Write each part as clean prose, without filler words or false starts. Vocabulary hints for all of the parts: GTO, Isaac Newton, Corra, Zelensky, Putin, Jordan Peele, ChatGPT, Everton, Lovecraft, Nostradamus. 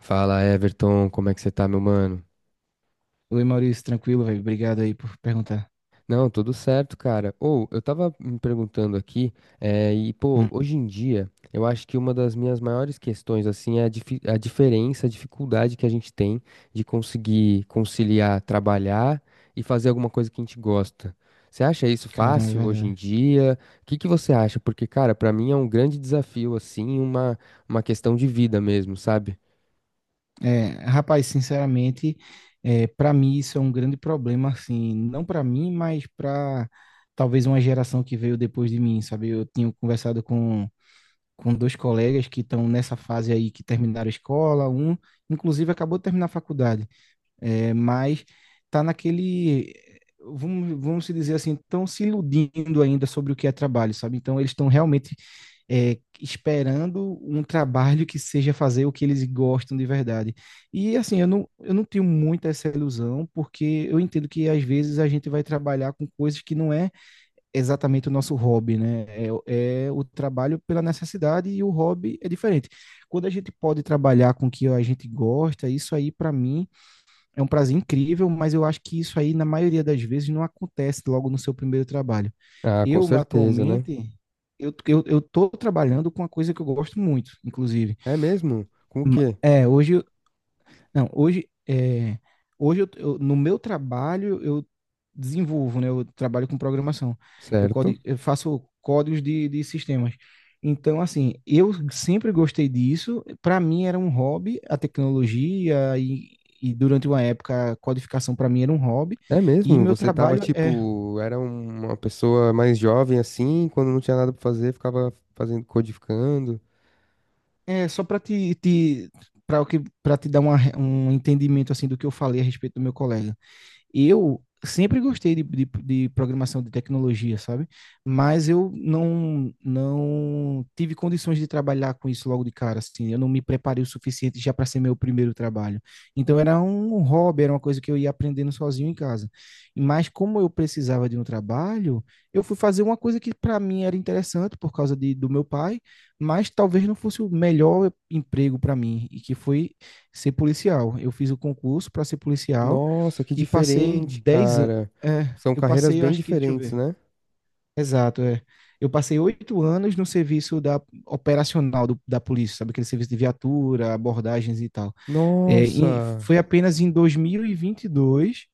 Fala, Everton, como é que você tá, meu mano? Oi, Maurício, tranquilo, velho. Obrigado aí por perguntar. Não, tudo certo, cara. Ou, eu tava me perguntando aqui, e pô, Hum, hoje em dia, eu acho que uma das minhas maiores questões, assim, é a diferença, a dificuldade que a gente tem de conseguir conciliar trabalhar e fazer alguma coisa que a gente gosta. Você acha isso Caramba, é fácil hoje em verdade. dia? O que que você acha? Porque, cara, pra mim é um grande desafio, assim, uma questão de vida mesmo, sabe? É, rapaz, sinceramente, para mim isso é um grande problema, assim, não para mim, mas para talvez uma geração que veio depois de mim, sabe? Eu tinha conversado com dois colegas que estão nessa fase aí, que terminaram a escola, um, inclusive, acabou de terminar a faculdade. É, mas está naquele, vamos se dizer assim, estão se iludindo ainda sobre o que é trabalho, sabe? Então, eles estão realmente esperando um trabalho que seja fazer o que eles gostam de verdade. E assim, eu não tenho muita essa ilusão, porque eu entendo que às vezes a gente vai trabalhar com coisas que não é exatamente o nosso hobby, né? É, é o trabalho pela necessidade e o hobby é diferente. Quando a gente pode trabalhar com o que a gente gosta, isso aí para mim é um prazer incrível, mas eu acho que isso aí, na maioria das vezes, não acontece logo no seu primeiro trabalho. Ah, com Eu, certeza, né? atualmente, eu tô trabalhando com uma coisa que eu gosto muito, inclusive. É mesmo? Com o quê? É, hoje, não, hoje, hoje no meu trabalho eu desenvolvo, né? Eu trabalho com programação. Eu, Certo. codi- eu faço códigos de sistemas. Então, assim, eu sempre gostei disso. Para mim era um hobby, a tecnologia e durante uma época a codificação para mim era um hobby. É E mesmo? meu Você tava trabalho é, tipo, era uma pessoa mais jovem assim, quando não tinha nada pra fazer, ficava fazendo codificando. Só para te para que para te dar um entendimento assim do que eu falei a respeito do meu colega. Eu sempre gostei de programação de tecnologia, sabe? Mas eu não tive condições de trabalhar com isso logo de cara, assim. Eu não me preparei o suficiente já para ser meu primeiro trabalho. Então era um hobby, era uma coisa que eu ia aprendendo sozinho em casa. Mas como eu precisava de um trabalho, eu fui fazer uma coisa que para mim era interessante por causa do meu pai, mas talvez não fosse o melhor emprego para mim, e que foi ser policial. Eu fiz o concurso para ser policial Nossa, que e passei diferente, 10 anos. cara. É, São eu carreiras passei, eu bem acho que, deixa eu diferentes, ver. né? Exato, é. Eu passei 8 anos no serviço da operacional da polícia, sabe? Aquele serviço de viatura, abordagens e tal. É, Nossa. foi apenas em 2022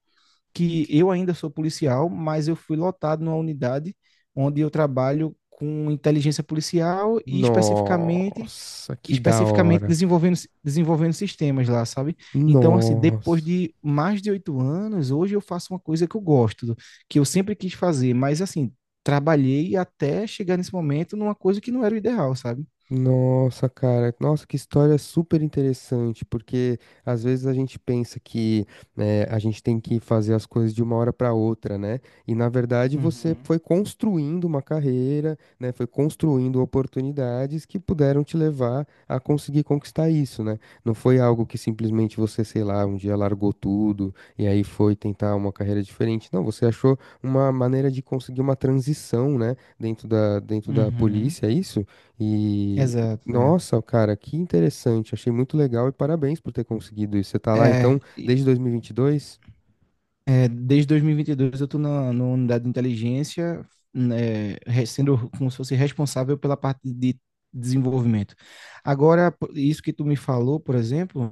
que eu ainda sou policial, mas eu fui lotado numa unidade onde eu trabalho com inteligência policial e especificamente Nossa, que da especificamente hora. desenvolvendo, desenvolvendo sistemas lá, sabe? Então, assim, depois Nossa. de mais de 8 anos, hoje eu faço uma coisa que eu gosto, que eu sempre quis fazer, mas, assim, trabalhei até chegar nesse momento numa coisa que não era o ideal, sabe? Nossa, cara, nossa, que história super interessante, porque às vezes a gente pensa que né, a gente tem que fazer as coisas de uma hora para outra, né? E na verdade você Uhum, foi construindo uma carreira, né? Foi construindo oportunidades que puderam te levar a conseguir conquistar isso, né? Não foi algo que simplesmente você, sei lá, um dia largou tudo e aí foi tentar uma carreira diferente. Não, você achou uma maneira de conseguir uma transição, né? Dentro da uhum. polícia, é isso? E Exato, é. nossa, cara, que interessante. Achei muito legal e parabéns por ter conseguido isso. Você tá lá É, então desde 2022? desde 2022 eu estou na, unidade de inteligência, né, sendo como se fosse responsável pela parte de desenvolvimento. Agora, isso que tu me falou, por exemplo,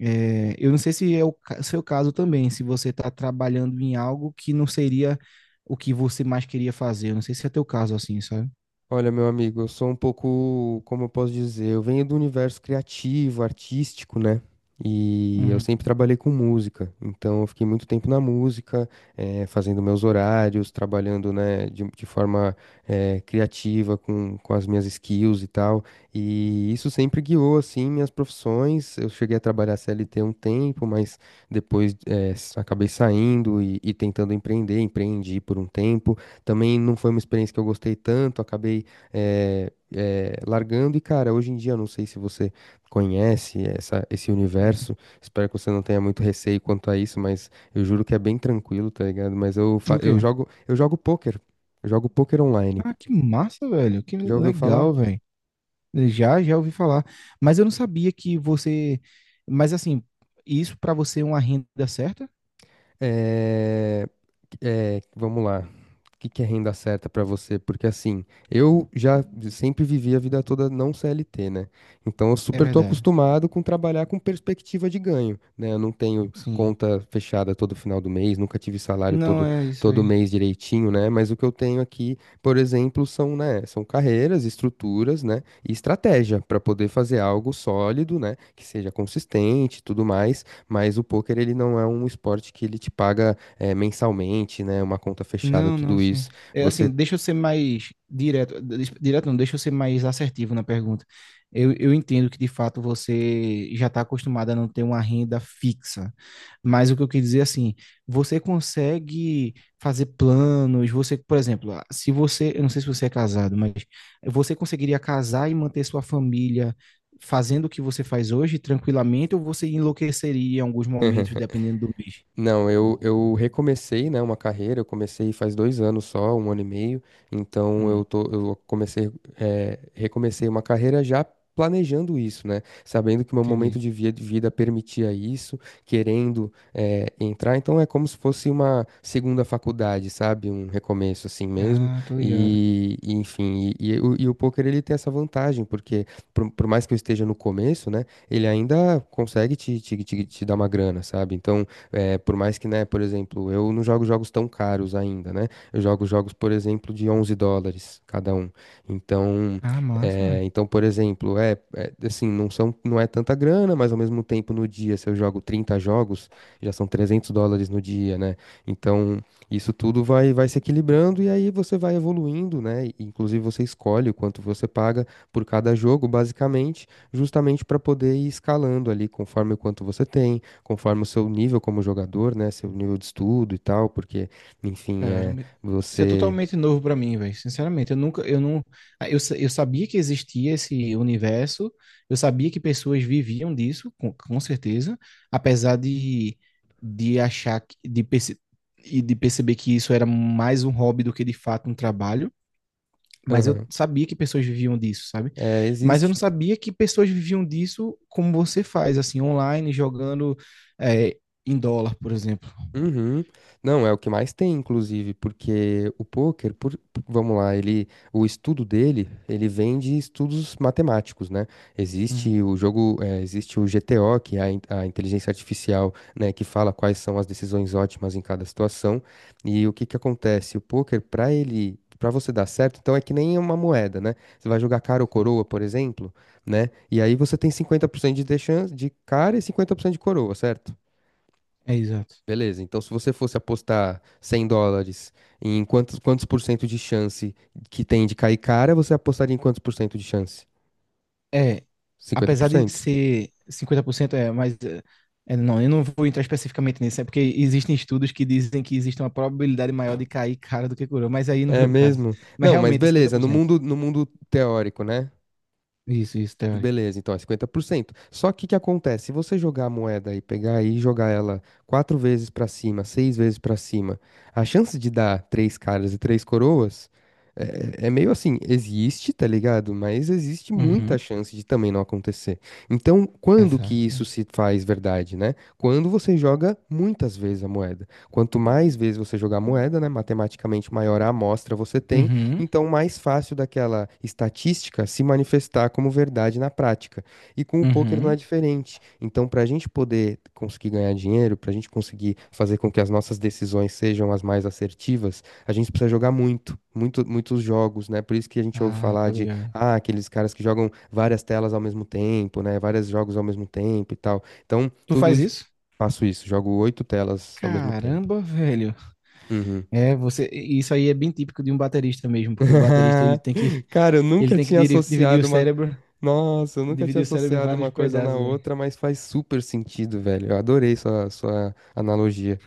eu não sei se é seu caso também, se você está trabalhando em algo que não seria o que você mais queria fazer. Eu não sei se é teu caso assim, sabe? Olha, meu amigo, eu sou um pouco, como eu posso dizer, eu venho do universo criativo, artístico, né? E eu sempre Uhum. trabalhei com música, então eu fiquei muito tempo na música, fazendo meus horários, trabalhando, né, de forma, criativa com as minhas skills e tal. E isso sempre guiou, assim, minhas profissões. Eu cheguei a trabalhar CLT um tempo, mas depois, acabei saindo e tentando empreender, empreendi por um tempo. Também não foi uma experiência que eu gostei tanto, acabei largando. E, cara, hoje em dia, eu não sei se você conhece essa, esse Uhum. universo, espero que você não tenha muito receio quanto a isso, mas eu juro que é bem tranquilo, tá ligado? Mas eu, fa- O quê? Eu jogo pôquer online. Ah, que massa, velho. Que Já ouviu falar? legal, velho. Já ouvi falar. Mas eu não sabia que você. Mas assim, isso para você é uma renda certa? É, é, vamos lá. O que que é renda certa para você? Porque assim, eu já sempre vivi a vida toda não CLT, né? Então eu É super tô verdade. acostumado com trabalhar com perspectiva de ganho, né? Eu não tenho Sim. conta fechada todo final do mês, nunca tive salário Não todo, é isso todo aí. mês direitinho, né? Mas o que eu tenho aqui, por exemplo, né, são carreiras, estruturas, né, e estratégia para poder fazer algo sólido, né, que seja consistente e tudo mais, mas o poker ele não é um esporte que ele te paga mensalmente, né? Uma conta fechada, Não, não, tudo sim. isso. É assim, Você. deixa eu ser mais direto. Direto não, deixa eu ser mais assertivo na pergunta. Eu entendo que de fato você já está acostumada a não ter uma renda fixa. Mas o que eu quis dizer assim, você consegue fazer planos, você, por exemplo, ah, se você, eu não sei se você é casado, mas você conseguiria casar e manter sua família fazendo o que você faz hoje tranquilamente, ou você enlouqueceria em alguns momentos, dependendo do mês? Não, eu recomecei, né, uma carreira, eu comecei faz 2 anos só, um ano e meio, então eu Hum, tô, eu comecei, recomecei uma carreira já planejando isso, né, sabendo que o meu momento Entendi. de vida permitia isso, querendo, entrar, então é como se fosse uma segunda faculdade, sabe, um recomeço assim mesmo, Ah, tô ligado. e enfim, e o poker ele tem essa vantagem, porque por mais que eu esteja no começo, né, ele ainda consegue te dar uma grana, sabe, então por mais que, né, por exemplo, eu não jogo jogos tão caros ainda, né? Eu jogo jogos, por exemplo, de 11 dólares cada um. Então, Ah, é, massa, então por exemplo, assim, não são, não é tanta grana, mas ao mesmo tempo no dia, se eu jogo 30 jogos, já são 300 dólares no dia, né? Então, isso tudo vai se equilibrando e aí você vai evoluindo, né? E, inclusive, você escolhe o quanto você paga por cada jogo, basicamente, justamente para poder ir escalando ali conforme o quanto você tem, conforme o seu nível como jogador, né? Seu nível de estudo e tal, porque, enfim, é caramba, isso é você. totalmente novo pra mim, velho. Sinceramente, eu nunca, eu não, ah, eu, sa- eu sabia que existia esse universo, eu sabia que pessoas viviam disso, com certeza, apesar de achar, e de perceber que isso era mais um hobby do que de fato um trabalho, mas eu Aham. sabia que pessoas viviam disso, sabe? É, Mas eu existe. não sabia que pessoas viviam disso como você faz, assim, online, jogando, eh, em dólar, por exemplo. Uhum. Não, é o que mais tem, inclusive, porque o pôquer, por- vamos lá, ele, o estudo dele, ele vem de estudos matemáticos, né? Uhum, Existe o jogo, existe o GTO, que é a inteligência artificial, né, que fala quais são as decisões ótimas em cada situação. E o que que acontece? O pôquer, para ele, para você dar certo, então é que nem uma moeda, né? Você vai jogar cara ou sim. coroa, por exemplo, né? E aí você tem 50% de chance de cara e 50% de coroa, certo? É exato. Beleza, então se você fosse apostar US$ 100 em quantos por cento de chance que tem de cair cara, você apostaria em quantos por cento de chance? É, cinquenta por apesar de cento ser 50%, é, mas não, eu não vou entrar especificamente nisso, é porque existem estudos que dizem que existe uma probabilidade maior de cair cara do que coroa, mas aí não É veio um caso. mesmo? Mas Não, mas realmente é cinquenta beleza, por no cento. mundo, no mundo teórico, né? Isso, isso, teórico. Beleza, então é 50%. Só que o que acontece? Se você jogar a moeda e pegar e jogar ela quatro vezes pra cima, seis vezes pra cima, a chance de dar três caras e três coroas é, é meio assim, existe, tá ligado? Mas existe muita Uhum, chance de também não acontecer. Então, quando que exato. isso se faz verdade, né? Quando você joga muitas vezes a moeda. Quanto mais vezes você jogar a moeda, né, matematicamente maior a amostra você tem Uhum, então, mais fácil daquela estatística é se manifestar como verdade na prática. E com o poker não é uhum. diferente. Então, para a gente poder conseguir ganhar dinheiro, para a gente conseguir fazer com que as nossas decisões sejam as mais assertivas, a gente precisa jogar muito, muito, muitos jogos, né? Por isso que a gente ouve Ah, tô falar de ligado. ah, aqueles caras que jogam várias telas ao mesmo tempo, né? Vários jogos ao mesmo tempo e tal. Então, Tu tudo faz isso, isso? faço isso, jogo oito telas ao mesmo tempo. Caramba, velho. Uhum. É, você, isso aí é bem típico de um baterista mesmo, porque o baterista ele tem que Cara, eu ele nunca tem que tinha dividir o associado uma. cérebro, Nossa, eu nunca tinha dividir o cérebro em associado vários uma coisa na pedaços, hein. outra, mas faz super sentido, velho. Eu adorei sua analogia.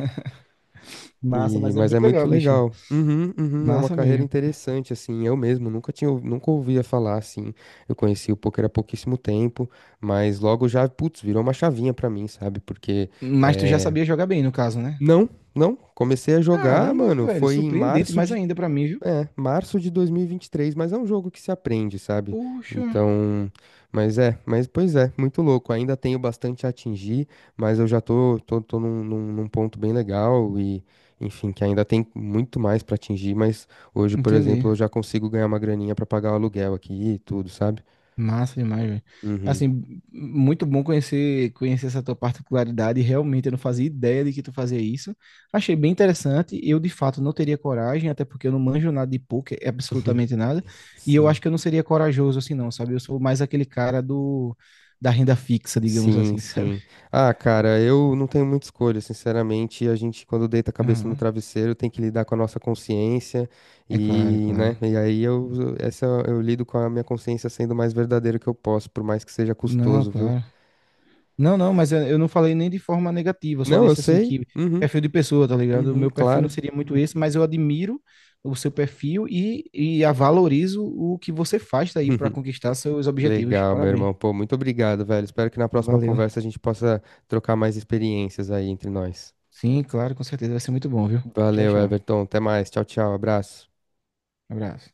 Massa, E... mas é Mas é muito muito legal, bicho. legal. Uhum, uhum, é uma Massa carreira mesmo. interessante, assim. Eu mesmo nunca tinha, nunca ouvia falar, assim. Eu conheci o poker há pouquíssimo tempo, mas logo já, putz, virou uma chavinha pra mim, sabe? Porque. Mas tu já sabia jogar bem, no caso, né? Não, não. Comecei a jogar, Caramba, mano. velho, Foi em surpreendente março mais de. ainda pra mim, viu? É, março de 2023, mas é um jogo que se aprende, sabe? Puxa, Então, mas é, mas pois é, muito louco. Ainda tenho bastante a atingir, mas eu já tô num ponto bem legal e, enfim, que ainda tem muito mais pra atingir, mas hoje, por entendi. exemplo, eu já consigo ganhar uma graninha pra pagar o aluguel aqui e tudo, sabe? Massa demais, velho. Uhum. Assim, muito bom conhecer essa tua particularidade. Realmente eu não fazia ideia de que tu fazia isso. Achei bem interessante. Eu, de fato, não teria coragem, até porque eu não manjo nada de poker, absolutamente nada. E eu acho Sim. que eu não seria corajoso assim, não, sabe? Eu sou mais aquele cara do da renda fixa, digamos Sim, assim, sabe? sim. Ah, cara, eu não tenho muita escolha, sinceramente. A gente, quando deita a cabeça no Aham. travesseiro, tem que lidar com a nossa consciência É claro, é e, né? claro. E aí eu, essa eu lido com a minha consciência sendo o mais verdadeiro que eu posso, por mais que seja Não, é custoso, viu? claro. Não, não, mas eu não falei nem de forma negativa, eu só Não, eu disse assim sei. que Uhum, perfil de pessoa, tá ligado? O uhum, meu perfil não claro. seria muito esse, mas eu admiro o seu perfil e a valorizo o que você faz daí para conquistar seus objetivos. Legal, meu Parabéns. irmão. Pô, muito obrigado, velho. Espero que na próxima Valeu. conversa a gente possa trocar mais experiências aí entre nós. Sim, claro, com certeza vai ser muito bom, viu? Tchau, Valeu, tchau. Everton. Até mais. Tchau, tchau. Abraço. Abraço.